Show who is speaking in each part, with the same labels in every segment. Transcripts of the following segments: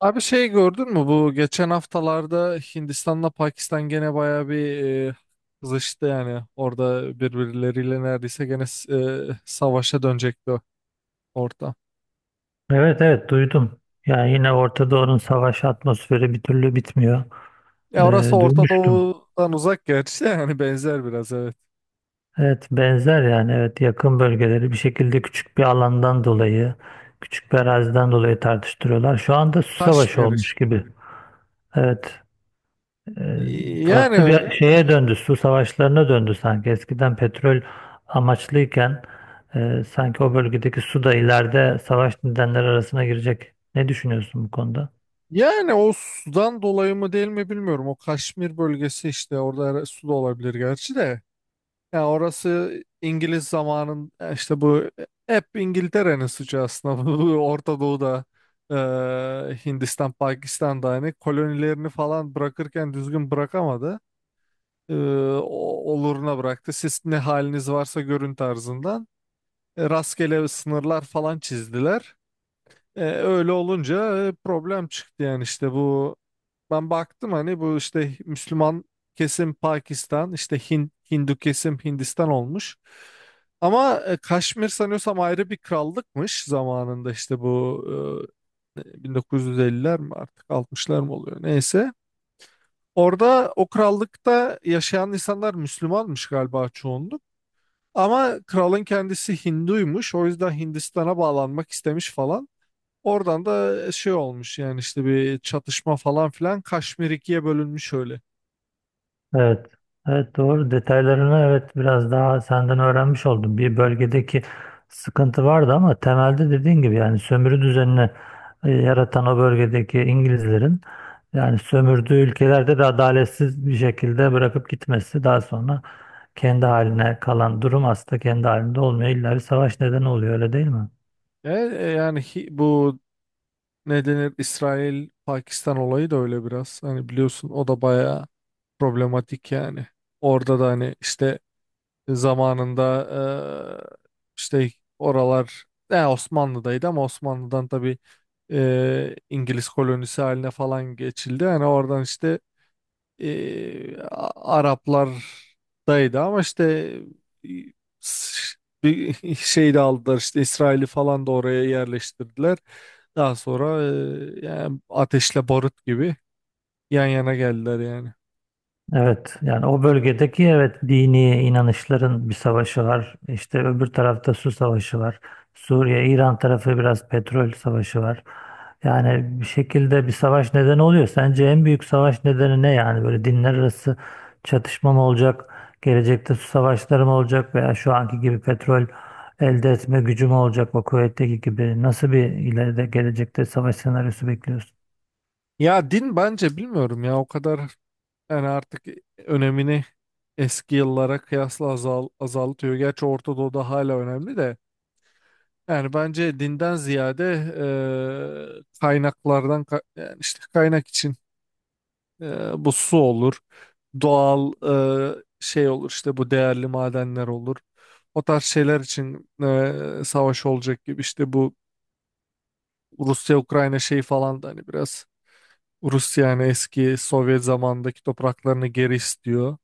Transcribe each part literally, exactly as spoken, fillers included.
Speaker 1: Abi, şey, gördün mü bu geçen haftalarda Hindistan'la Pakistan gene bayağı bir e, kızıştı, yani orada birbirleriyle neredeyse gene s- e, savaşa dönecekti o orta.
Speaker 2: Evet, evet, duydum. Yani yine Orta Doğu'nun savaş atmosferi bir türlü bitmiyor.
Speaker 1: Ya orası
Speaker 2: Ee,
Speaker 1: Orta
Speaker 2: duymuştum.
Speaker 1: Doğu'dan uzak gerçi de, yani benzer biraz, evet.
Speaker 2: Evet, benzer yani, evet, yakın bölgeleri bir şekilde küçük bir alandan dolayı, küçük bir araziden dolayı tartıştırıyorlar. Şu anda su savaşı
Speaker 1: Kaşmir
Speaker 2: olmuş
Speaker 1: işte.
Speaker 2: gibi. Evet e,
Speaker 1: Yani
Speaker 2: Farklı bir şeye döndü, su savaşlarına döndü sanki. Eskiden petrol amaçlıyken e, sanki o bölgedeki su da ileride savaş nedenleri arasına girecek. Ne düşünüyorsun bu konuda?
Speaker 1: yani o sudan dolayı mı değil mi bilmiyorum. O Kaşmir bölgesi işte, orada her- su da olabilir gerçi de. Ya orası İngiliz zamanın ya, işte bu e, hep İngiltere'nin suçu aslında. Bu Orta Doğu'da e, Hindistan, Pakistan'da hani kolonilerini falan bırakırken düzgün bırakamadı. E, o- Oluruna bıraktı. Siz ne haliniz varsa görün tarzından. E, rastgele sınırlar falan çizdiler. E, öyle olunca e, problem çıktı, yani işte bu ben baktım hani, bu işte Müslüman kesim Pakistan, işte Hin- Hindu kesim Hindistan olmuş. Ama e, Kaşmir sanıyorsam ayrı bir krallıkmış zamanında, işte bu e, bin dokuz yüz elliler mi artık altmışlar mı oluyor, neyse. Orada o krallıkta yaşayan insanlar Müslümanmış galiba çoğunluk. Ama kralın kendisi Hinduymuş. O yüzden Hindistan'a bağlanmak istemiş falan. Oradan da şey olmuş, yani işte bir çatışma falan filan, Kaşmir ikiye bölünmüş öyle.
Speaker 2: Evet. Evet, doğru. Detaylarını, evet, biraz daha senden öğrenmiş oldum. Bir bölgedeki sıkıntı vardı ama temelde dediğin gibi yani sömürü düzenini e, yaratan o bölgedeki İngilizlerin yani sömürdüğü ülkelerde de adaletsiz bir şekilde bırakıp gitmesi, daha sonra kendi haline kalan durum aslında kendi halinde olmuyor. İlla bir savaş nedeni oluyor, öyle değil mi?
Speaker 1: E, e, yani hi- bu ne denir, İsrail Pakistan olayı da öyle biraz. Hani biliyorsun, o da bayağı problematik yani. Orada da hani işte zamanında e, işte oralar e, Osmanlı'daydı ama Osmanlı'dan tabii e, İngiliz kolonisi haline falan geçildi. Hani oradan işte e, A- Araplardaydı ama işte e, s- bir şey de aldılar, işte İsrail'i falan da oraya yerleştirdiler. Daha sonra e, yani ateşle barut gibi yan yana geldiler yani.
Speaker 2: Evet, yani o bölgedeki, evet, dini inanışların bir savaşı var. İşte öbür tarafta su savaşı var. Suriye, İran tarafı biraz petrol savaşı var. Yani bir şekilde bir savaş nedeni oluyor. Sence en büyük savaş nedeni ne yani? Böyle dinler arası çatışma mı olacak? Gelecekte su savaşları mı olacak? Veya şu anki gibi petrol elde etme gücü mü olacak o kuvvetteki gibi? Nasıl bir ileride gelecekte savaş senaryosu bekliyorsun?
Speaker 1: Ya din bence, bilmiyorum ya, o kadar yani artık önemini eski yıllara kıyasla azal, azaltıyor. Gerçi Orta Doğu'da hala önemli de. Yani bence dinden ziyade e, kaynaklardan, ka- yani işte kaynak için. E, bu su olur, doğal e, şey olur, işte bu değerli madenler olur. O tarz şeyler için e, savaş olacak gibi, işte bu Rusya-Ukrayna şeyi falan da hani biraz, Rusya yani eski Sovyet zamandaki topraklarını geri istiyor.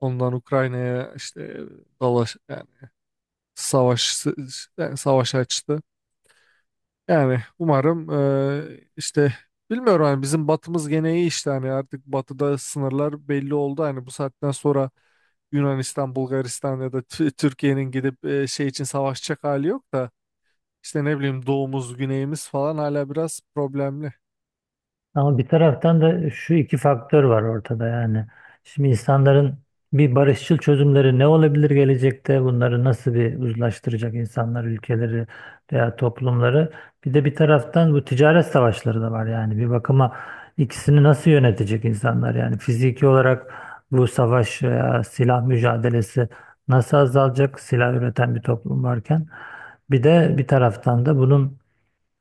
Speaker 1: Ondan Ukrayna'ya işte dalaş, yani savaş, yani savaş açtı. Yani umarım eee, işte bilmiyorum, hani bizim batımız gene iyi, işte hani artık batıda sınırlar belli oldu. Hani bu saatten sonra Yunanistan, Bulgaristan ya da Tü- Türkiye'nin gidip eee, şey için savaşacak hali yok da, işte ne bileyim, doğumuz, güneyimiz falan hala biraz problemli.
Speaker 2: Ama bir taraftan da şu iki faktör var ortada yani. Şimdi insanların bir barışçıl çözümleri ne olabilir gelecekte? Bunları nasıl bir uzlaştıracak insanlar, ülkeleri veya toplumları? Bir de bir taraftan bu ticaret savaşları da var yani. Bir bakıma ikisini nasıl yönetecek insanlar? Yani fiziki olarak bu savaş veya silah mücadelesi nasıl azalacak silah üreten bir toplum varken? Bir de bir taraftan da bunun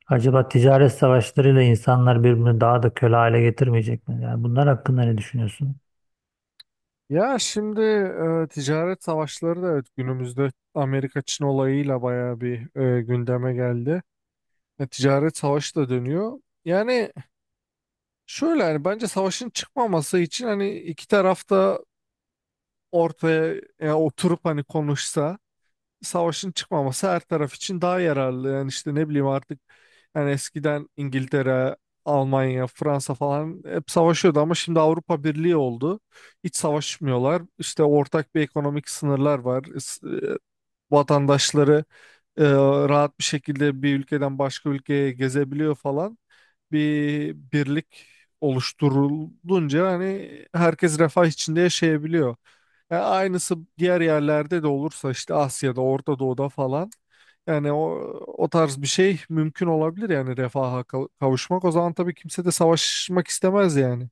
Speaker 2: acaba ticaret savaşlarıyla insanlar birbirini daha da köle hale getirmeyecek mi? Yani bunlar hakkında ne düşünüyorsun?
Speaker 1: Ya şimdi eee, ticaret savaşları da evet, günümüzde Amerika-Çin olayıyla bayağı bir eee, gündeme geldi. E, ticaret savaşı da dönüyor. Yani şöyle, yani bence savaşın çıkmaması için hani iki taraf da ortaya, yani oturup hani konuşsa, savaşın çıkmaması her taraf için daha yararlı. Yani işte ne bileyim artık, yani eskiden İngiltere, Almanya, Fransa falan hep savaşıyordu ama şimdi Avrupa Birliği oldu. Hiç savaşmıyorlar. İşte ortak bir ekonomik sınırlar var, vatandaşları e, rahat bir şekilde bir ülkeden başka ülkeye gezebiliyor falan. Bir birlik oluşturulunca hani herkes refah içinde yaşayabiliyor. Yani aynısı diğer yerlerde de olursa, işte Asya'da, Orta Doğu'da falan, yani o, o tarz bir şey mümkün olabilir, yani refaha kav- kavuşmak. O zaman tabii kimse de savaşmak istemez yani.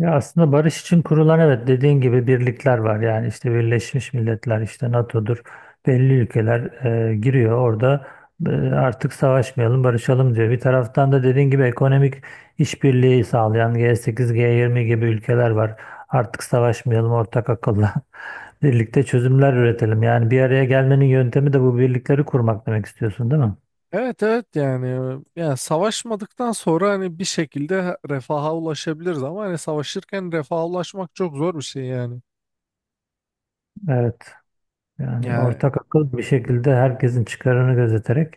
Speaker 2: Ya aslında barış için kurulan, evet, dediğin gibi birlikler var. Yani işte Birleşmiş Milletler, işte N A T O'dur. Belli ülkeler e, giriyor orada. E, artık savaşmayalım, barışalım diyor. Bir taraftan da dediğin gibi ekonomik işbirliği sağlayan G sekiz, G yirmi gibi ülkeler var. Artık savaşmayalım ortak akılla. Birlikte çözümler üretelim. Yani bir araya gelmenin yöntemi de bu birlikleri kurmak demek istiyorsun, değil mi?
Speaker 1: Evet, evet, yani yani savaşmadıktan sonra hani bir şekilde refaha ulaşabiliriz, ama hani savaşırken refaha ulaşmak çok zor bir şey yani.
Speaker 2: Evet. Yani
Speaker 1: Yani,
Speaker 2: ortak akıl bir şekilde herkesin çıkarını gözeterek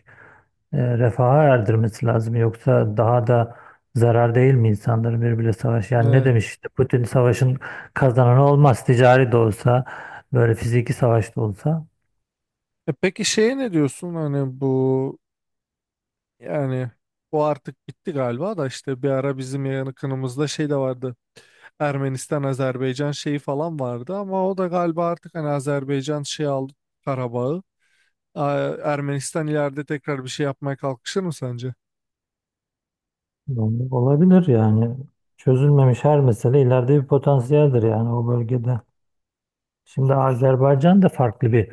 Speaker 2: e, refaha erdirmesi lazım. Yoksa daha da zarar değil mi insanların birbiriyle savaş? Yani ne
Speaker 1: e,
Speaker 2: demiş işte Putin, savaşın kazananı olmaz. Ticari de olsa böyle fiziki savaş da olsa
Speaker 1: e peki şeye ne diyorsun hani, bu yani bu artık bitti galiba da, işte bir ara bizim yakınımızda şey de vardı, Ermenistan Azerbaycan şeyi falan vardı, ama o da galiba artık hani Azerbaycan şey aldı, Karabağ'ı. Aa, Ermenistan ileride tekrar bir şey yapmaya kalkışır mı sence?
Speaker 2: yani olabilir yani. Çözülmemiş her mesele ileride bir potansiyeldir yani o bölgede. Şimdi Azerbaycan da farklı bir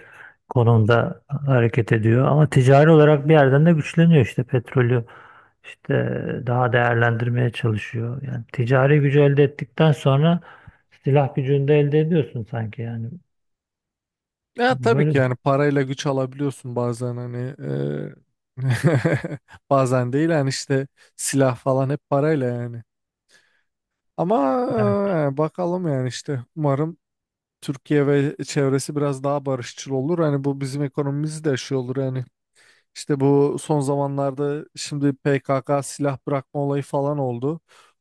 Speaker 2: konumda hareket ediyor ama ticari olarak bir yerden de güçleniyor, işte petrolü işte daha değerlendirmeye çalışıyor. Yani ticari gücü elde ettikten sonra silah gücünü de elde ediyorsun sanki yani.
Speaker 1: Ya tabii
Speaker 2: Böyle
Speaker 1: ki, yani parayla güç alabiliyorsun bazen, hani eee, bazen değil yani, işte silah falan hep parayla yani. Ama eee, yani bakalım, yani işte umarım Türkiye ve çevresi biraz daha barışçıl olur. Hani bu bizim ekonomimiz de şey olur yani. İşte bu son zamanlarda şimdi P K K silah bırakma olayı falan oldu.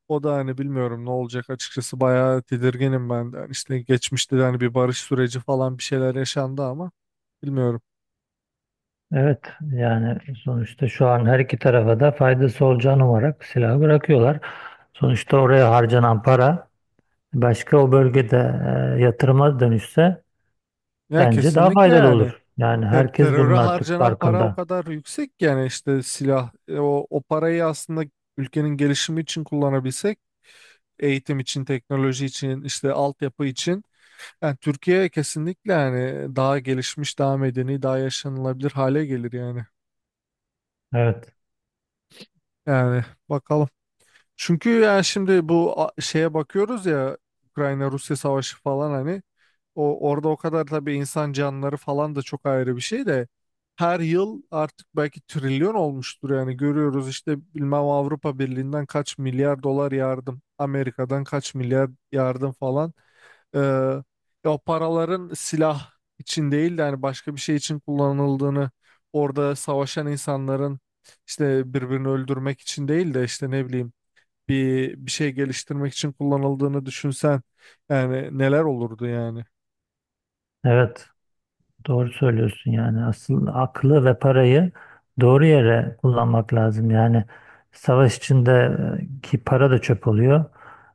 Speaker 1: O da hani bilmiyorum ne olacak, açıkçası bayağı tedirginim ben de. Hani işte geçmişte de hani bir barış süreci falan, bir şeyler yaşandı ama bilmiyorum.
Speaker 2: evet yani, sonuçta şu an her iki tarafa da faydası olacağını umarak silahı bırakıyorlar. Sonuçta oraya harcanan para başka o bölgede e, yatırıma dönüşse
Speaker 1: Ya
Speaker 2: bence daha
Speaker 1: kesinlikle,
Speaker 2: faydalı
Speaker 1: yani
Speaker 2: olur. Yani
Speaker 1: ter-
Speaker 2: herkes
Speaker 1: teröre
Speaker 2: bunun artık
Speaker 1: harcanan para o
Speaker 2: farkında.
Speaker 1: kadar yüksek ki, yani işte silah, e, o, o parayı aslında ülkenin gelişimi için kullanabilsek, eğitim için, teknoloji için, işte altyapı için. Yani Türkiye kesinlikle, yani daha gelişmiş, daha medeni, daha yaşanılabilir hale gelir yani.
Speaker 2: Evet.
Speaker 1: Yani bakalım. Çünkü yani şimdi bu a- şeye bakıyoruz ya, Ukrayna-Rusya savaşı falan hani, o orada o kadar tabii, insan canları falan da çok ayrı bir şey de, her yıl artık belki trilyon olmuştur yani, görüyoruz işte, bilmem, Avrupa Birliği'nden kaç milyar dolar yardım, Amerika'dan kaç milyar yardım falan. Ee, Ya o paraların silah için değil de hani başka bir şey için kullanıldığını, orada savaşan insanların işte birbirini öldürmek için değil de, işte ne bileyim, bir bir şey geliştirmek için kullanıldığını düşünsen, yani neler olurdu yani.
Speaker 2: Evet. Doğru söylüyorsun, yani asıl aklı ve parayı doğru yere kullanmak lazım. Yani savaş içindeki para da çöp oluyor.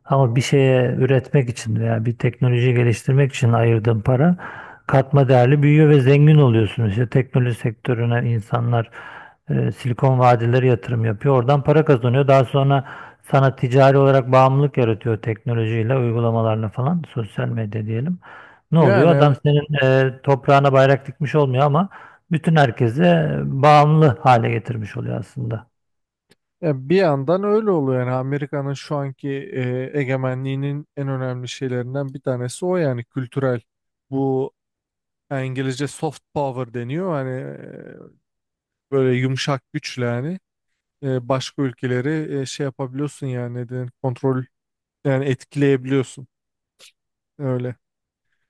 Speaker 2: Ama bir şeye üretmek için veya bir teknoloji geliştirmek için ayırdığın para katma değerli büyüyor ve zengin oluyorsun. İşte teknoloji sektörüne insanlar e, Silikon Vadileri yatırım yapıyor. Oradan para kazanıyor. Daha sonra sana ticari olarak bağımlılık yaratıyor teknolojiyle, uygulamalarla falan, sosyal medya diyelim. Ne oluyor?
Speaker 1: Yani
Speaker 2: Adam
Speaker 1: evet.
Speaker 2: senin e, toprağına bayrak dikmiş olmuyor ama bütün herkese bağımlı hale getirmiş oluyor aslında.
Speaker 1: Ya bir yandan öyle oluyor yani, Amerika'nın şu anki e, egemenliğinin en önemli şeylerinden bir tanesi o, yani kültürel. Bu yani İngilizce soft power deniyor hani, e, böyle yumuşak güçle yani. E, başka ülkeleri e, şey yapabiliyorsun, yani ne denir, kontrol, yani etkileyebiliyorsun öyle.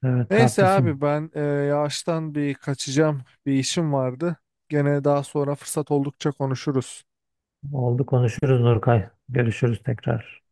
Speaker 2: Evet,
Speaker 1: Neyse abi,
Speaker 2: haklısın.
Speaker 1: ben e, yavaştan bir kaçacağım, bir işim vardı. Gene daha sonra fırsat oldukça konuşuruz.
Speaker 2: Oldu, konuşuruz Nurkay. Görüşürüz tekrar.